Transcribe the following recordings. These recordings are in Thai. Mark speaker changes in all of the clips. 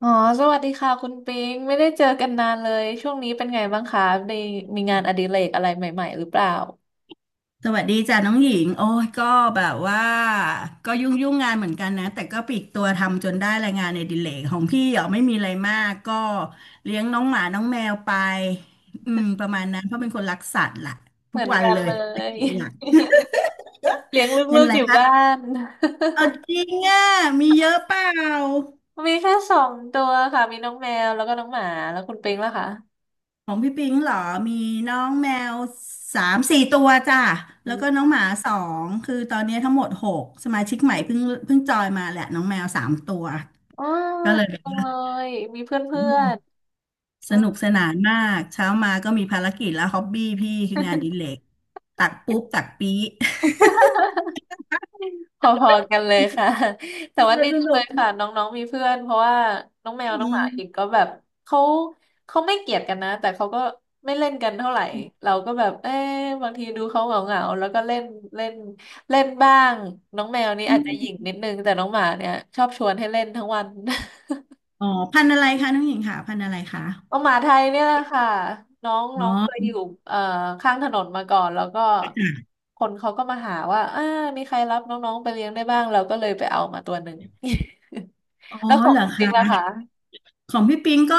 Speaker 1: อ๋อ สวัสดีค่ะคุณปิงไม่ได้เจอกันนานเลย ช่วงนี้เป็นไงบ้างคะได้มีงานอดิเรกอะไรใหม่ๆหรือเปล่า
Speaker 2: สวัสดีจ้ะน้องหญิง โอ้ยก็แบบว่า ก็ยุ่งงานเหมือนกันนะ แต่ก็ปลีกตัวทำจนได้รายงานในดิเลกของพี่เหรอไม่มีอะไรมากก็เลี้ยงน้องหมาน้องแมวไป อืม ประมาณนั้นเพราะเป็นคนรักสัตว์ล่ะ
Speaker 1: เห
Speaker 2: ทุ
Speaker 1: มื
Speaker 2: ก
Speaker 1: อน
Speaker 2: วัน
Speaker 1: กัน
Speaker 2: เลย
Speaker 1: เล
Speaker 2: ธุร
Speaker 1: ย
Speaker 2: กิจหลัก
Speaker 1: เลี้ยงล
Speaker 2: เป็
Speaker 1: ู
Speaker 2: น
Speaker 1: ก
Speaker 2: อะ
Speaker 1: ๆ
Speaker 2: ไร
Speaker 1: อยู่
Speaker 2: คะ
Speaker 1: บ้าน
Speaker 2: เอาจริงอ่ะมีเยอะเปล่า
Speaker 1: มีแค่สองตัวค่ะ มีน้องแมวแล้วก็น้องหมาแล้วคุณปิงล่ะคะ
Speaker 2: ของพี่ปิงเหรอ มีน้องแมวสามสี่ตัวจ้ะ แล้วก็น้องหมาสองคือตอนนี้ทั้งหมดหกสมาชิกใหม่เพิ่งจอยมาแหละน้องแมวสามตัว
Speaker 1: อ๋อ
Speaker 2: ก็เลยแบบ
Speaker 1: จัง
Speaker 2: ว่า
Speaker 1: เลย มีเพ
Speaker 2: อื
Speaker 1: ื่อ
Speaker 2: ม
Speaker 1: นๆอื
Speaker 2: ส
Speaker 1: ม
Speaker 2: นุกสนานมากเช้ามาก็มีภารกิจแล้วฮ็อบบี้พี่คืองานอดิเลกตักปุ๊บตักปี๊
Speaker 1: พอๆกันเลยค่ะ
Speaker 2: เอ
Speaker 1: แต่ว่า
Speaker 2: อ
Speaker 1: ดี
Speaker 2: ส
Speaker 1: จังเล
Speaker 2: นุก
Speaker 1: ยค่ะน้องๆมีเพื่อนเพราะว่าน้องแม
Speaker 2: อื
Speaker 1: วน้องหมาอีก
Speaker 2: ม
Speaker 1: ก็แบบเขาเขาไม่เกลียดกันนะแต่เขาก็ไม่เล่นกันเท่าไหร่เราก็แบบเอ๊ะบางทีดูเขาเหงาๆแล้วก็เล่นเล่นเล่นบ้างน้องแมวนี่
Speaker 2: อื
Speaker 1: อาจจะหยิ่ง
Speaker 2: ม
Speaker 1: นิดนึงแต่น้องหมาเนี่ยชอบชวนให้เล่นทั้งวัน
Speaker 2: อ๋อพันธุ์อะไรคะน้องหญิงค่ะพันธุ์อะไรคะ
Speaker 1: น้องหมาไทยเนี่ยแหละค่ะน้องน้
Speaker 2: อ๋
Speaker 1: อ
Speaker 2: อ
Speaker 1: งเคยอยู่เอ่อข้างถนนมาก่อนแล้วก็คนเขาก็มาหาว่าอ่ามีใครรับน้องๆไปเลี้ยงได้บ้างเราก็เลยไปเอามาตัวหนึ่ง
Speaker 2: อ๋อ
Speaker 1: แล้วขอ
Speaker 2: เห
Speaker 1: ง
Speaker 2: รอ
Speaker 1: คุณติ๊กนะ
Speaker 2: คะ
Speaker 1: คะ
Speaker 2: ของพี่ปิงก็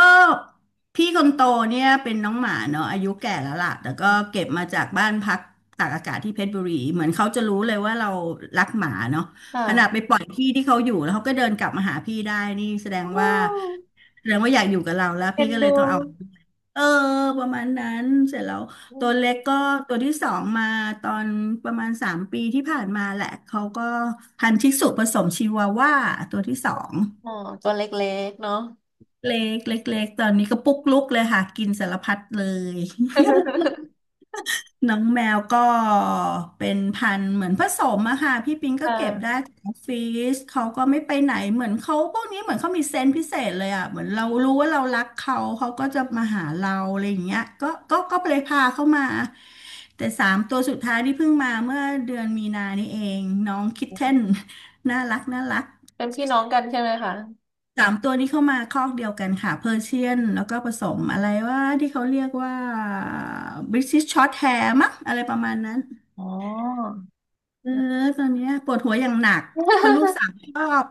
Speaker 2: พี่คนโตเนี่ยเป็นน้องหมาเนาะอายุแก่แล้วล่ะแต่ก็เก็บมาจากบ้านพักตากอากาศที่เพชรบุรีเหมือนเขาจะรู้เลยว่าเรารักหมาเนาะขนาดไป
Speaker 1: ค่ะ
Speaker 2: ปล่อยที่ที่เขาอยู่แล้วเขาก็เดินกลับมาหาพี่ได้นี่แสด
Speaker 1: โอ
Speaker 2: งว่า
Speaker 1: ้
Speaker 2: อยากอยู่กับเราแล้ว
Speaker 1: เอ็
Speaker 2: พี่
Speaker 1: น
Speaker 2: ก็เล
Speaker 1: ดู
Speaker 2: ยต้องเอาเออประมาณนั้นเสร็จแล้ว
Speaker 1: อ
Speaker 2: ตัวเล็
Speaker 1: ม
Speaker 2: กก็ตัวที่สองมาตอนประมาณสามปีที่ผ่านมาแหละเขาก็พันธุ์ชิสุผสมชิวาว่าตัวที่สอง
Speaker 1: อ๋อ ตัวเล็กๆเนาะ
Speaker 2: เล็กตอนนี้ก็ปุ๊กลุกเลยค่ะกินสารพัดเลย น้องแมวก็เป็นพันธุ์เหมือนผสมอะค่ะพี่ปิง
Speaker 1: ค
Speaker 2: ก็เก็บได้
Speaker 1: ่ะ
Speaker 2: จากออฟฟิศเขาก็ไม่ไปไหนเหมือนเขาพวกนี้เหมือนเขามีเซนส์พิเศษเลยอะเหมือนเรารู้ว่าเรารักเขาเขาก็จะมาหาเราอะไรอย่างเงี้ยก็เลยพาเข้ามาแต่สามตัวสุดท้ายที่เพิ่งมาเมื่อเดือนมีนานี้เองน้องคิทเทน น่ารักน่ารัก
Speaker 1: เป็นพี่น้องกันใช่ไหมคะ
Speaker 2: สามตัวนี้เข้ามาคอกเดียวกันค่ะเพอร์เชียนแล้วก็ผสมอะไรว่าที่เขาเรียกว่าบริ i ิชช็อตแฮร์มั้งอะไรประมาณนั้น
Speaker 1: อ๋อ
Speaker 2: เออตอนเนี้ยปวดหัวอย่างหนักเพราะลูกสาวชอบ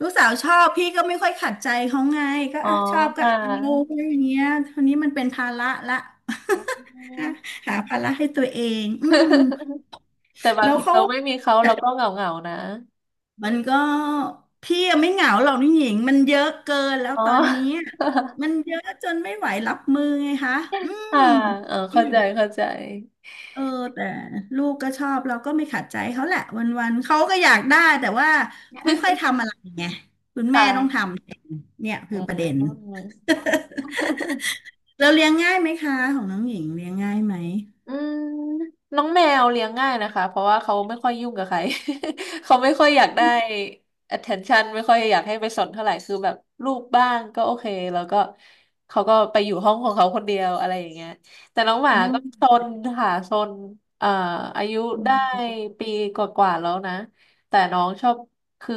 Speaker 2: พี่ก็ไม่ค่อยขัดใจเขาไงก็
Speaker 1: อ๋อ
Speaker 2: อ่ะชอบก็
Speaker 1: ค่ะ
Speaker 2: เอาอะไรอย่างเงี้ยทีนี้มันเป็นภาระละ
Speaker 1: อืม
Speaker 2: หาภาระให้ตัวเองอืม
Speaker 1: แต่บา
Speaker 2: แล้
Speaker 1: ง
Speaker 2: ว
Speaker 1: ที
Speaker 2: เขา
Speaker 1: เราไม่มีเขาเราก็เหงาเหงานะ
Speaker 2: มันก็พี่ยังไม่เหงาหรอกนี่หญิงมันเยอะเกินแล้ว
Speaker 1: อ๋อ
Speaker 2: ตอนนี้มันเยอะจนไม่ไหวรับมือไงคะ
Speaker 1: ค่ะเออ
Speaker 2: อื
Speaker 1: เข้าใจ
Speaker 2: ม
Speaker 1: เข้าใจ
Speaker 2: เออแต่ลูกก็ชอบเราก็ไม่ขัดใจเขาแหละวันๆเขาก็อยากได้แต่ว่าไม่ค่อยทำอะไรไงคุณ
Speaker 1: ค
Speaker 2: แม่ต้องท
Speaker 1: ่ะ
Speaker 2: ำเนี่ย
Speaker 1: อื
Speaker 2: คือประเด็น
Speaker 1: ม
Speaker 2: เราเลี้ยงง่ายไหมคะของน้องหญิงเลี้ยงง่ายไหม
Speaker 1: อืมน้องแมวเลี้ยงง่ายนะคะเพราะว่าเขาไม่ค่อยยุ่งกับใคร เขาไม่ค่อยอยากได้ attention ไม่ค่อยอยากให้ไปสนเท่าไหร่คือแบบลูปบ้างก็โอเคแล้วก็เขาก็ไปอยู่ห้องของเขาคนเดียวอะไรอย่างเงี้ยแต่น้องหมาก็ซ
Speaker 2: โอ
Speaker 1: นค่ะซนเอ่ออายุได้ปีกว่าๆแล้วนะแต่น้องชอบคือ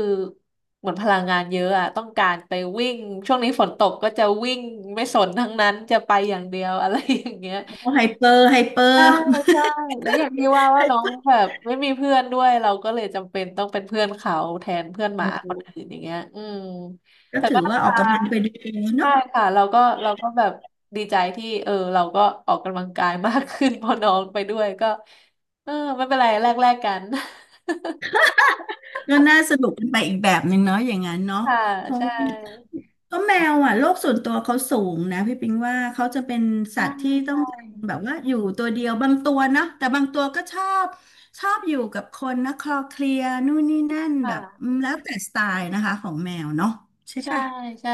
Speaker 1: เหมือนพลังงานเยอะอะต้องการไปวิ่งช่วงนี้ฝนตกก็จะวิ่งไม่สนทั้งนั้นจะไปอย่างเดียวอะไรอย่างเงี้ย
Speaker 2: ้ไฮเปอร์ไฮเปอ
Speaker 1: ใช่
Speaker 2: ร์
Speaker 1: ใช่แล้วอย่างที่ว่าว่าน้องแบบไม่มีเพื่อนด้วยเราก็เลยจำเป็นต้องเป็นเพื่อนเขาแทนเพื่อนหมาคนอื่น อย่างเงี้ยอืม
Speaker 2: ก็
Speaker 1: แต่
Speaker 2: ถื
Speaker 1: ก็
Speaker 2: อ
Speaker 1: น่า
Speaker 2: ว่าอ
Speaker 1: รั
Speaker 2: อก
Speaker 1: ก
Speaker 2: กำลังไปด้วย
Speaker 1: ใช่
Speaker 2: เนาะ
Speaker 1: ค่ะเราก็แบบดีใจที่เออเราก็ออกกำลังกายมากขึ้น พอน้องไปด้วยก็เออไม่เป็นไรแลกแลกกัน
Speaker 2: ก็น่าสนุกเป็นไปอีกแบบหนึ่งเนาะอย่างนั้นเนาะ
Speaker 1: ค่ะ
Speaker 2: เพราะ
Speaker 1: ใช่
Speaker 2: ว่าก็แมวอ่ะโลกส่วนตัวเขาสูงนะพี่ปิงว่าเขาจะเป็นสั
Speaker 1: ใช่
Speaker 2: ตว์ที่ต้อ
Speaker 1: ใช่
Speaker 2: งการแบบว่าอยู่ตัวเดียวบางตัวเนาะแต่บางตัวก็ชอบอยู่กับคนนะคลอเคลียร์นู่นนี่นั่นแบบอื
Speaker 1: ค่ะ
Speaker 2: มแล้วแต่สไตล์นะคะของแมวเนาะใช่
Speaker 1: ใช่
Speaker 2: ปะ
Speaker 1: ใช่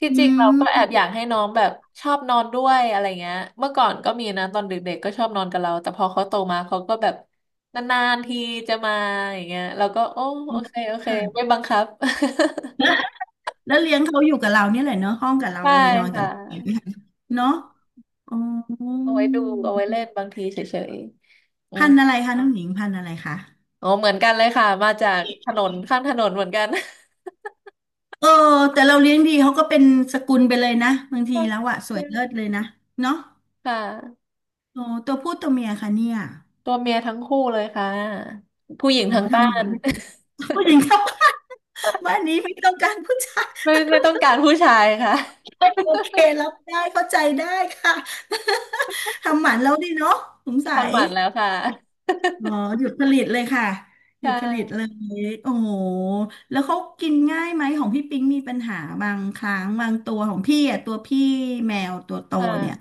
Speaker 1: ที่จ
Speaker 2: อื
Speaker 1: ริงเรา
Speaker 2: ม
Speaker 1: ก็แอบอยากให้น้องแบบชอบนอนด้วยอะไรเงี้ยเมื่อก่อนก็มีนะตอนเด็กๆก็ชอบนอนกับเราแต่พอเขาโตมาเขาก็แบบนานๆทีจะมาอย่างเงี้ยเราก็โอ้
Speaker 2: โอ
Speaker 1: โอเค
Speaker 2: เค
Speaker 1: โอเคไม่
Speaker 2: ค่ะ
Speaker 1: บังคับ
Speaker 2: แล้วเลี้ยงเขาอยู่กับเราเนี่ยแหละเนาะห้องกับ เรา
Speaker 1: ใช่
Speaker 2: เลยนอนกั
Speaker 1: ค่
Speaker 2: บเราเลย
Speaker 1: ะ
Speaker 2: เนาะอ๋อ
Speaker 1: เอาไว้ดูเอาไว้เล่นบางทีเฉยๆอื
Speaker 2: พั
Speaker 1: ม
Speaker 2: นธุ์อะไรคะน้องหญิงพันธุ์อะไรคะ
Speaker 1: อ๋อเหมือนกันเลยค่ะมาจากถนนข้างถนนเหมือนกัน
Speaker 2: เออแต่เราเลี้ยงดีเขาก็เป็นสกุลไปเลยนะบางที
Speaker 1: ใช่
Speaker 2: แล้วอะสว
Speaker 1: ใช่
Speaker 2: ยเลิศเลยนะเนาะ
Speaker 1: ค่ะ
Speaker 2: โอ้ตัวผู้ตัวเมียค่ะเนี่ย
Speaker 1: ตัวเมียทั้งคู่เลยค่ะผู้หญิง
Speaker 2: โอ้
Speaker 1: ทั้งบ้า
Speaker 2: ทำหมัน
Speaker 1: น
Speaker 2: ผู้หญิงครับบ้านบ้านนี้ไม่ต้องการผู้ชา
Speaker 1: ไม่ไม่ต้องการผู้ชายค่ะ
Speaker 2: ยโอเครับได้เข้าใจได้ค่ะ ทำหมันแล้วดีเนาะสงสัย
Speaker 1: ทำหมันแล้วค่ะ
Speaker 2: อ๋อหยุดผลิตเลยค่ะหยุ
Speaker 1: ใช่
Speaker 2: ดผลิตเลยโอ้โหแล้วเขากินง่ายไหมของพี่ปิ๊งมีปัญหาบางครั้งบางตัวของพี่อ่ะตัวพี่แมวตัวโต
Speaker 1: ค่ะ
Speaker 2: เนี่ย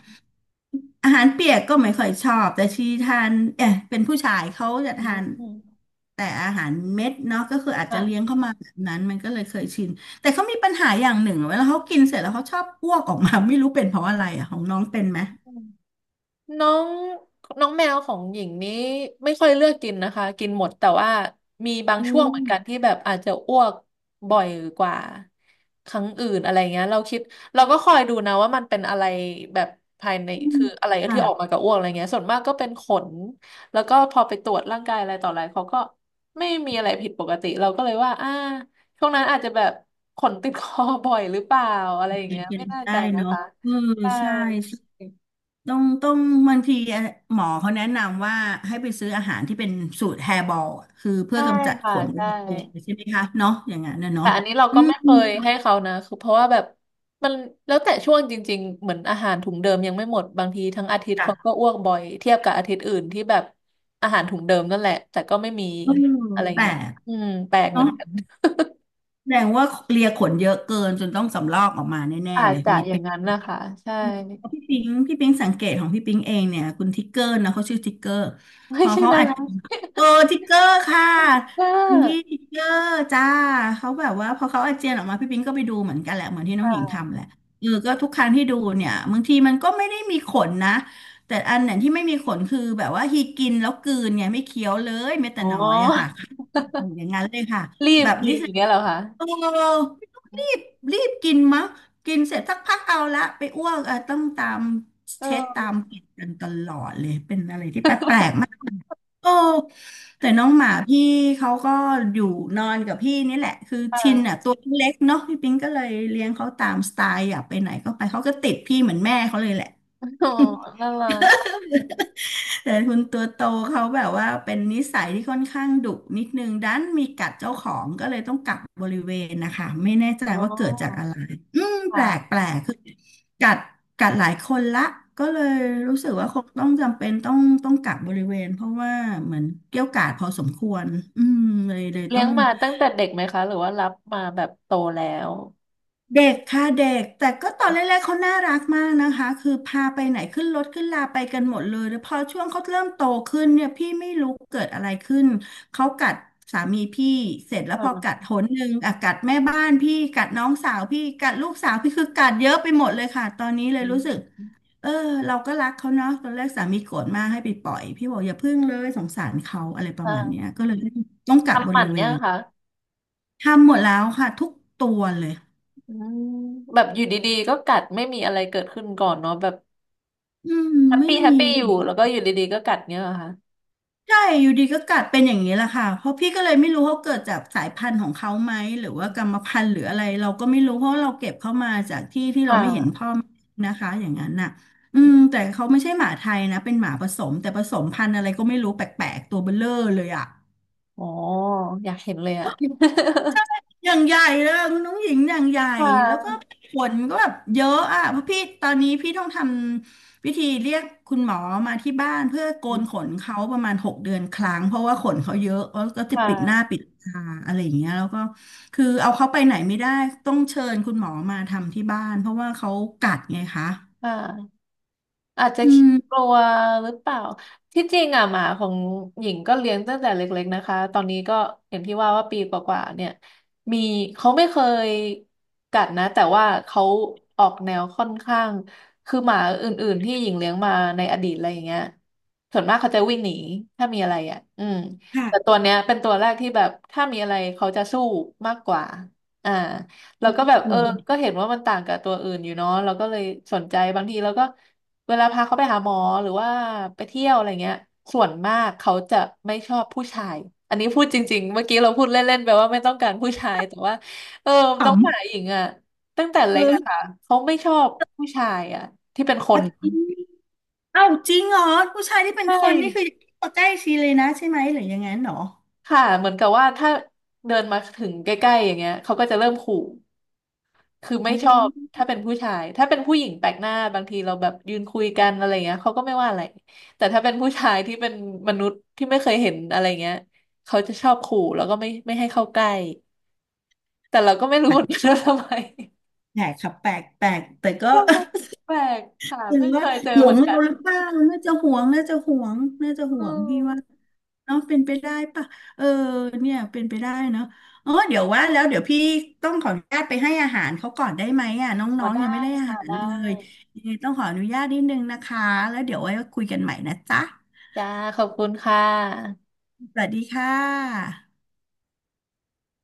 Speaker 2: อาหารเปียกก็ไม่ค่อยชอบแต่ชีทานเอ๊ะเป็นผู้ชายเขาจะ
Speaker 1: อ
Speaker 2: ทาน
Speaker 1: ืม
Speaker 2: แต่อาหารเม็ดเนาะก็คืออาจจะเลี้ยง
Speaker 1: ค่
Speaker 2: เข้ามาแบบนั้นมันก็เลยเคยชินแต่เขามีปัญหาอย่างหนึ่งเวลาเขากินเสร็จแล้วเขาชอบอ้วกออกมาไม่รู้เป็นเพราะอะไรอ่ะของน้องเป็นไหม
Speaker 1: ะ น้องน้องแมวของหญิงนี้ไม่ค่อยเลือกกินนะคะกินหมดแต่ว่ามีบาง
Speaker 2: อื
Speaker 1: ช่วงเหมือนกัน
Speaker 2: ม
Speaker 1: ที่แบบอาจจะอ้วกบ่อยกว่าครั้งอื่นอะไรเงี้ยเราก็คอยดูนะว่ามันเป็นอะไรแบบภายใน
Speaker 2: อืม
Speaker 1: คืออะไร
Speaker 2: ค่ะ
Speaker 1: ที่ออกมากับอ้วกอะไรเงี้ยส่วนมากก็เป็นขนแล้วก็พอไปตรวจร่างกายอะไรต่ออะไรเขาก็ไม่มีอะไรผิดปกติเราก็เลยว่าอ่าช่วงนั้นอาจจะแบบขนติดคอบ่อยหรือเปล่าอะไรอย่า
Speaker 2: เป
Speaker 1: งเงี้ย
Speaker 2: ็
Speaker 1: ไม่
Speaker 2: น
Speaker 1: แน่
Speaker 2: ได้
Speaker 1: ใจนะ
Speaker 2: เนาะ
Speaker 1: คะ
Speaker 2: เออ
Speaker 1: ใช่
Speaker 2: ใช่ใช่ต้องบางทีหมอเขาแนะนำว่าให้ไปซื้ออาหารที่เป็นสูตรแฮร์บอลคือเพื่อ
Speaker 1: ใช่
Speaker 2: กำจัดข
Speaker 1: ค่ะ
Speaker 2: นเ
Speaker 1: ใช่
Speaker 2: องใช่ไหมคะเนาะอย่างนั้นนะ
Speaker 1: แต่
Speaker 2: เนาะ
Speaker 1: อันนี้เรา
Speaker 2: อื
Speaker 1: ก็ไม่เค
Speaker 2: ม
Speaker 1: ยให้เขานะคือเพราะว่าแบบมันแล้วแต่ช่วงจริงๆเหมือนอาหารถุงเดิมยังไม่หมดบางทีทั้งอาทิตย์เขาก็
Speaker 2: จ้ะ
Speaker 1: อ้วกบ่อยเทียบกับอาทิตย์อื่นที่แบบอาหารถุงเดิมนั่นแหละแต่ก็ไม่มี
Speaker 2: เออ
Speaker 1: อะไร
Speaker 2: แต่
Speaker 1: เงี้ยอืมแปลกเหมื
Speaker 2: เนาะ
Speaker 1: อนกัน
Speaker 2: แสดงว่าเลียขนเยอะเกินจนต้องสำรอกออกมาแน่
Speaker 1: อา
Speaker 2: ๆเล
Speaker 1: จ
Speaker 2: ย
Speaker 1: จะ
Speaker 2: มี
Speaker 1: อย่า
Speaker 2: เป็
Speaker 1: ง
Speaker 2: น
Speaker 1: นั้นนะคะใช่
Speaker 2: อืมพี่ปิงสังเกตของพี่ปิงเองเนี่ยคุณทิกเกอร์นะเขาชื่อทิกเกอร์พ
Speaker 1: ไม่
Speaker 2: อ
Speaker 1: ใช่
Speaker 2: เขา
Speaker 1: นา
Speaker 2: อัด
Speaker 1: รัส
Speaker 2: เออทิกเกอร์ค่ะ
Speaker 1: ก
Speaker 2: คุณพี่
Speaker 1: า
Speaker 2: ทิกเกอร์จ้าเขาแบบว่าพอเขาอาเจียนออกมาพี่ปิงก็ไปดูเหมือนกันแหละเหมือนที่น้อง
Speaker 1: ค่
Speaker 2: หญิงทำแห
Speaker 1: ะ
Speaker 2: ละเออก็ทุกครั้งที่ดูเนี่ยบางทีมันก็ไม่ได้มีขนนะแต่อันเนี่ยที่ไม่มีขนคือแบบว่าฮีกินแล้วกลืนไงไม่เคี้ยวเลยแม้แต่
Speaker 1: อ๋
Speaker 2: น้อยอะค่ะ
Speaker 1: อ
Speaker 2: โอ้อย่างนั้นเลยค่ะ
Speaker 1: รีบ
Speaker 2: แบบ
Speaker 1: กิ
Speaker 2: นี้
Speaker 1: นอ
Speaker 2: สิ
Speaker 1: ย่างเงี้ยเหรอคะ
Speaker 2: เออไม่ต้องรีบรีบกินมะกินเสร็จสักพักเอาละไปอ้วกเออต้องตาม
Speaker 1: เอ
Speaker 2: เช็ดตาม
Speaker 1: อ
Speaker 2: ปิดกันตลอดเลยเป็นอะไรที่แปล กๆมากโอ้แต่น้องหมาพี่เขาก็อยู่นอนกับพี่นี่แหละคือชินอ่ะ
Speaker 1: ค่ะ
Speaker 2: ตัวเล็กเนาะพี่ปิงก็เลยเลี้ยงเขาตามสไตล์อยากไปไหนก็ไปเขาก็ติดพี่เหมือนแม่เขาเลยแหละ
Speaker 1: อ๋อน่ารัก
Speaker 2: แต่คุณตัวโตเขาแบบว่าเป็นนิสัยที่ค่อนข้างดุนิดนึงดันมีกัดเจ้าของก็เลยต้องกักบริเวณนะคะไม่แน่ใจ
Speaker 1: อ๋
Speaker 2: ว่าเกิดจากอะ
Speaker 1: อ
Speaker 2: ไรอืมแปลก
Speaker 1: ค่ะ
Speaker 2: แปลกคือกัดกัดหลายคนละก็เลยรู้สึกว่าคงต้องจำเป็นต้องกักบริเวณเพราะว่าเหมือนเกรี้ยวกราดพอสมควรอืมเลย
Speaker 1: เลี้
Speaker 2: ต้อ
Speaker 1: ยง
Speaker 2: ง
Speaker 1: มาตั้งแต่เด็กไหมคะหรือว่ารับมาแบบโตแล้ว
Speaker 2: เด็กค่ะเด็กแต่ก็ตอนแรกๆเขาน่ารักมากนะคะคือพาไปไหนขึ้นรถขึ้นลาไปกันหมดเลยแล้วพอช่วงเขาเริ่มโตขึ้นเนี่ยพี่ไม่รู้เกิดอะไรขึ้นเขากัดสามีพี่เสร็จแล้วพอกัด
Speaker 1: อ่า
Speaker 2: หนหนึ่งอ่ะกัดแม่บ้านพี่กัดน้องสาวพี่กัดลูกสาวพี่คือกัดเยอะไปหมดเลยค่ะตอนนี้เลยรู้สึกเออเราก็รักเขาเนาะตอนแรกสามีโกรธมากให้ไปปล่อยพี่บอกอย่าพึ่งเลยสงสารเขาอะไรประมาณเนี้ย
Speaker 1: อ่า
Speaker 2: ก็เลยต้องกักบ
Speaker 1: ทำหมั
Speaker 2: ริ
Speaker 1: น
Speaker 2: เว
Speaker 1: เนี่ย
Speaker 2: ณ
Speaker 1: ค่ะ
Speaker 2: ทำหมดแล้วค่ะทุกตัวเลย
Speaker 1: อืมแบบอยู่ดีๆก็กัดไม่มีอะไรเกิดขึ้นก่อนเนาะแบบ
Speaker 2: อืม
Speaker 1: แฮป
Speaker 2: ไม่
Speaker 1: ปี้แฮป
Speaker 2: มี
Speaker 1: ปี้อยู่แล้วก็อยู่ดีๆก็กัดเนี่ยเหรอค่ะ
Speaker 2: ใช่อยู่ดีก็กัดเป็นอย่างนี้แหละค่ะเพราะพี่ก็เลยไม่รู้เขาเกิดจากสายพันธุ์ของเขาไหมหรือว่ากรรมพันธุ์หรืออะไรเราก็ไม่รู้เพราะเราเก็บเข้ามาจากที่ที่
Speaker 1: ค่
Speaker 2: เราไม่เห็นพ่อ
Speaker 1: ะ
Speaker 2: แม่นะคะอย่างนั้นน่ะอืมแต่เขาไม่ใช่หมาไทยนะเป็นหมาผสมแต่ผสมพันธุ์อะไรก็ไม่รู้แปลกๆตัวเบ้อเร่อเลยอ่ะ
Speaker 1: อ๋ออยากเห็นเลยอะ
Speaker 2: อย่างใหญ่เลยคุณน้องหญิงอย่างใหญ่
Speaker 1: ค่
Speaker 2: แล้วก็
Speaker 1: ะ
Speaker 2: ผลก็แบบเยอะอ่ะเพราะพี่ตอนนี้พี่ต้องทำวิธีเรียกคุณหมอมาที่บ้านเพื่อโกนขนเขาประมาณ6 เดือนครั้งเพราะว่าขนเขาเยอะแล้วก็
Speaker 1: ค
Speaker 2: จะปิดหน้า
Speaker 1: ่ะ
Speaker 2: ปิดตาอะไรอย่างเงี้ยแล้วก็คือเอาเขาไปไหนไม่ได้ต้องเชิญคุณหมอมาทำที่บ้านเพราะว่าเขากัดไงคะ
Speaker 1: ค่ะ อาจจะ
Speaker 2: อื
Speaker 1: ขี้กลั
Speaker 2: ม
Speaker 1: วหรือเปล่าที่จริงอ่ะหมาของหญิงก็เลี้ยงตั้งแต่เล็กๆนะคะตอนนี้ก็อย่างที่ว่าว่าปีกว่าๆเนี่ยมีเขาไม่เคยกัดนะแต่ว่าเขาออกแนวค่อนข้างคือหมาอื่นๆที่หญิงเลี้ยงมาในอดีตอะไรอย่างเงี้ยส่วนมากเขาจะวิ่งหนีถ้ามีอะไรอ่ะอืมแต่
Speaker 2: ค่ะ
Speaker 1: ตัวเนี้ยเป็นตัวแรกที่แบบถ้ามีอะไรเขาจะสู้มากกว่าอ่าเราก็แบบเอ
Speaker 2: หล
Speaker 1: อ
Speaker 2: อน
Speaker 1: ก็เห็นว่ามันต่างกับตัวอื่นอยู่เนาะเราก็เลยสนใจบางทีเราก็ เวลาพาเขาไปหาหมอหรือว่าไปเที่ยวอะไรเงี้ยส่วนมากเขาจะไม่ชอบผู้ชายอันนี้พูดจริงๆเมื่อกี้เราพูดเล่นๆไปว่าไม่ต้องการผู้ชายแต่ว่าเออน้อง
Speaker 2: ข
Speaker 1: หมาหญิงอ่ะตั้งแต่
Speaker 2: ำ
Speaker 1: เล็ก
Speaker 2: เออ
Speaker 1: อะค่ะเขาไม่ชอบผู้ชายอ่ะ
Speaker 2: จริงเอ้าจริงเหรอผู้ชายที่เป็
Speaker 1: ใช
Speaker 2: นคนนี่คือ
Speaker 1: ่
Speaker 2: ใกล้ชีเลยนะใช่ไหมหรือยังงั้นเหรอ
Speaker 1: ค่ะเหมือนกับว่าถ้าเดินมาถึงใกล้ๆอย่างเงี้ยเขาก็จะเริ่มขู่ คือไม่
Speaker 2: อ
Speaker 1: ชอบ
Speaker 2: อ
Speaker 1: ถ้าเป็นผู้ชายถ้าเป็นผู้หญิงแปลกหน้าบางทีเราแบบยืนคุยกันอะไรเงี้ยเขาก็ไม่ว่าอะไรแต่ถ้าเป็นผู้ชายที่เป็นมนุษย์ที่ไม่เคยเห็นอะไรเงี้ยเขาจะชอบขู่แล้วก็ไม่ให้เข้าใกล้แต่เราก็ไม่รู้
Speaker 2: แปล
Speaker 1: เห
Speaker 2: ก
Speaker 1: มือนกันว่าทำไม
Speaker 2: ครับแปลกแปลกแต่
Speaker 1: แป
Speaker 2: ก็
Speaker 1: ล กแปลกค่ะ
Speaker 2: ถึง
Speaker 1: เพิ่งเค
Speaker 2: ว่า
Speaker 1: ยเจอ
Speaker 2: ห่ว
Speaker 1: เหมื
Speaker 2: ง
Speaker 1: อน
Speaker 2: เรา
Speaker 1: กัน
Speaker 2: หรือเปล่าน่าจะห่วงน่าจะห่วงน่าจะห่
Speaker 1: อื
Speaker 2: วงพี่ว่า
Speaker 1: ม
Speaker 2: เนาะเป็นไปได้ปะเออเนี่ยเป็นไปได้เนาะอ๋อเดี๋ยวว่าแล้วเดี๋ยวพี่ต้องขออนุญาตไปให้อาหารเขาก่อนได้ไหมอ่ะน
Speaker 1: อ๋อ
Speaker 2: ้องๆ
Speaker 1: ได้
Speaker 2: ยังไม่ได้อา
Speaker 1: ค่ะ
Speaker 2: หาร
Speaker 1: ได้
Speaker 2: เลยยังไงต้องขออนุญาตนิดนึงนะคะแล้วเดี๋ยวไว้คุยกันใหม่นะจ๊ะ
Speaker 1: จ้าขอบคุณค่ะ
Speaker 2: สวัสดีค่ะ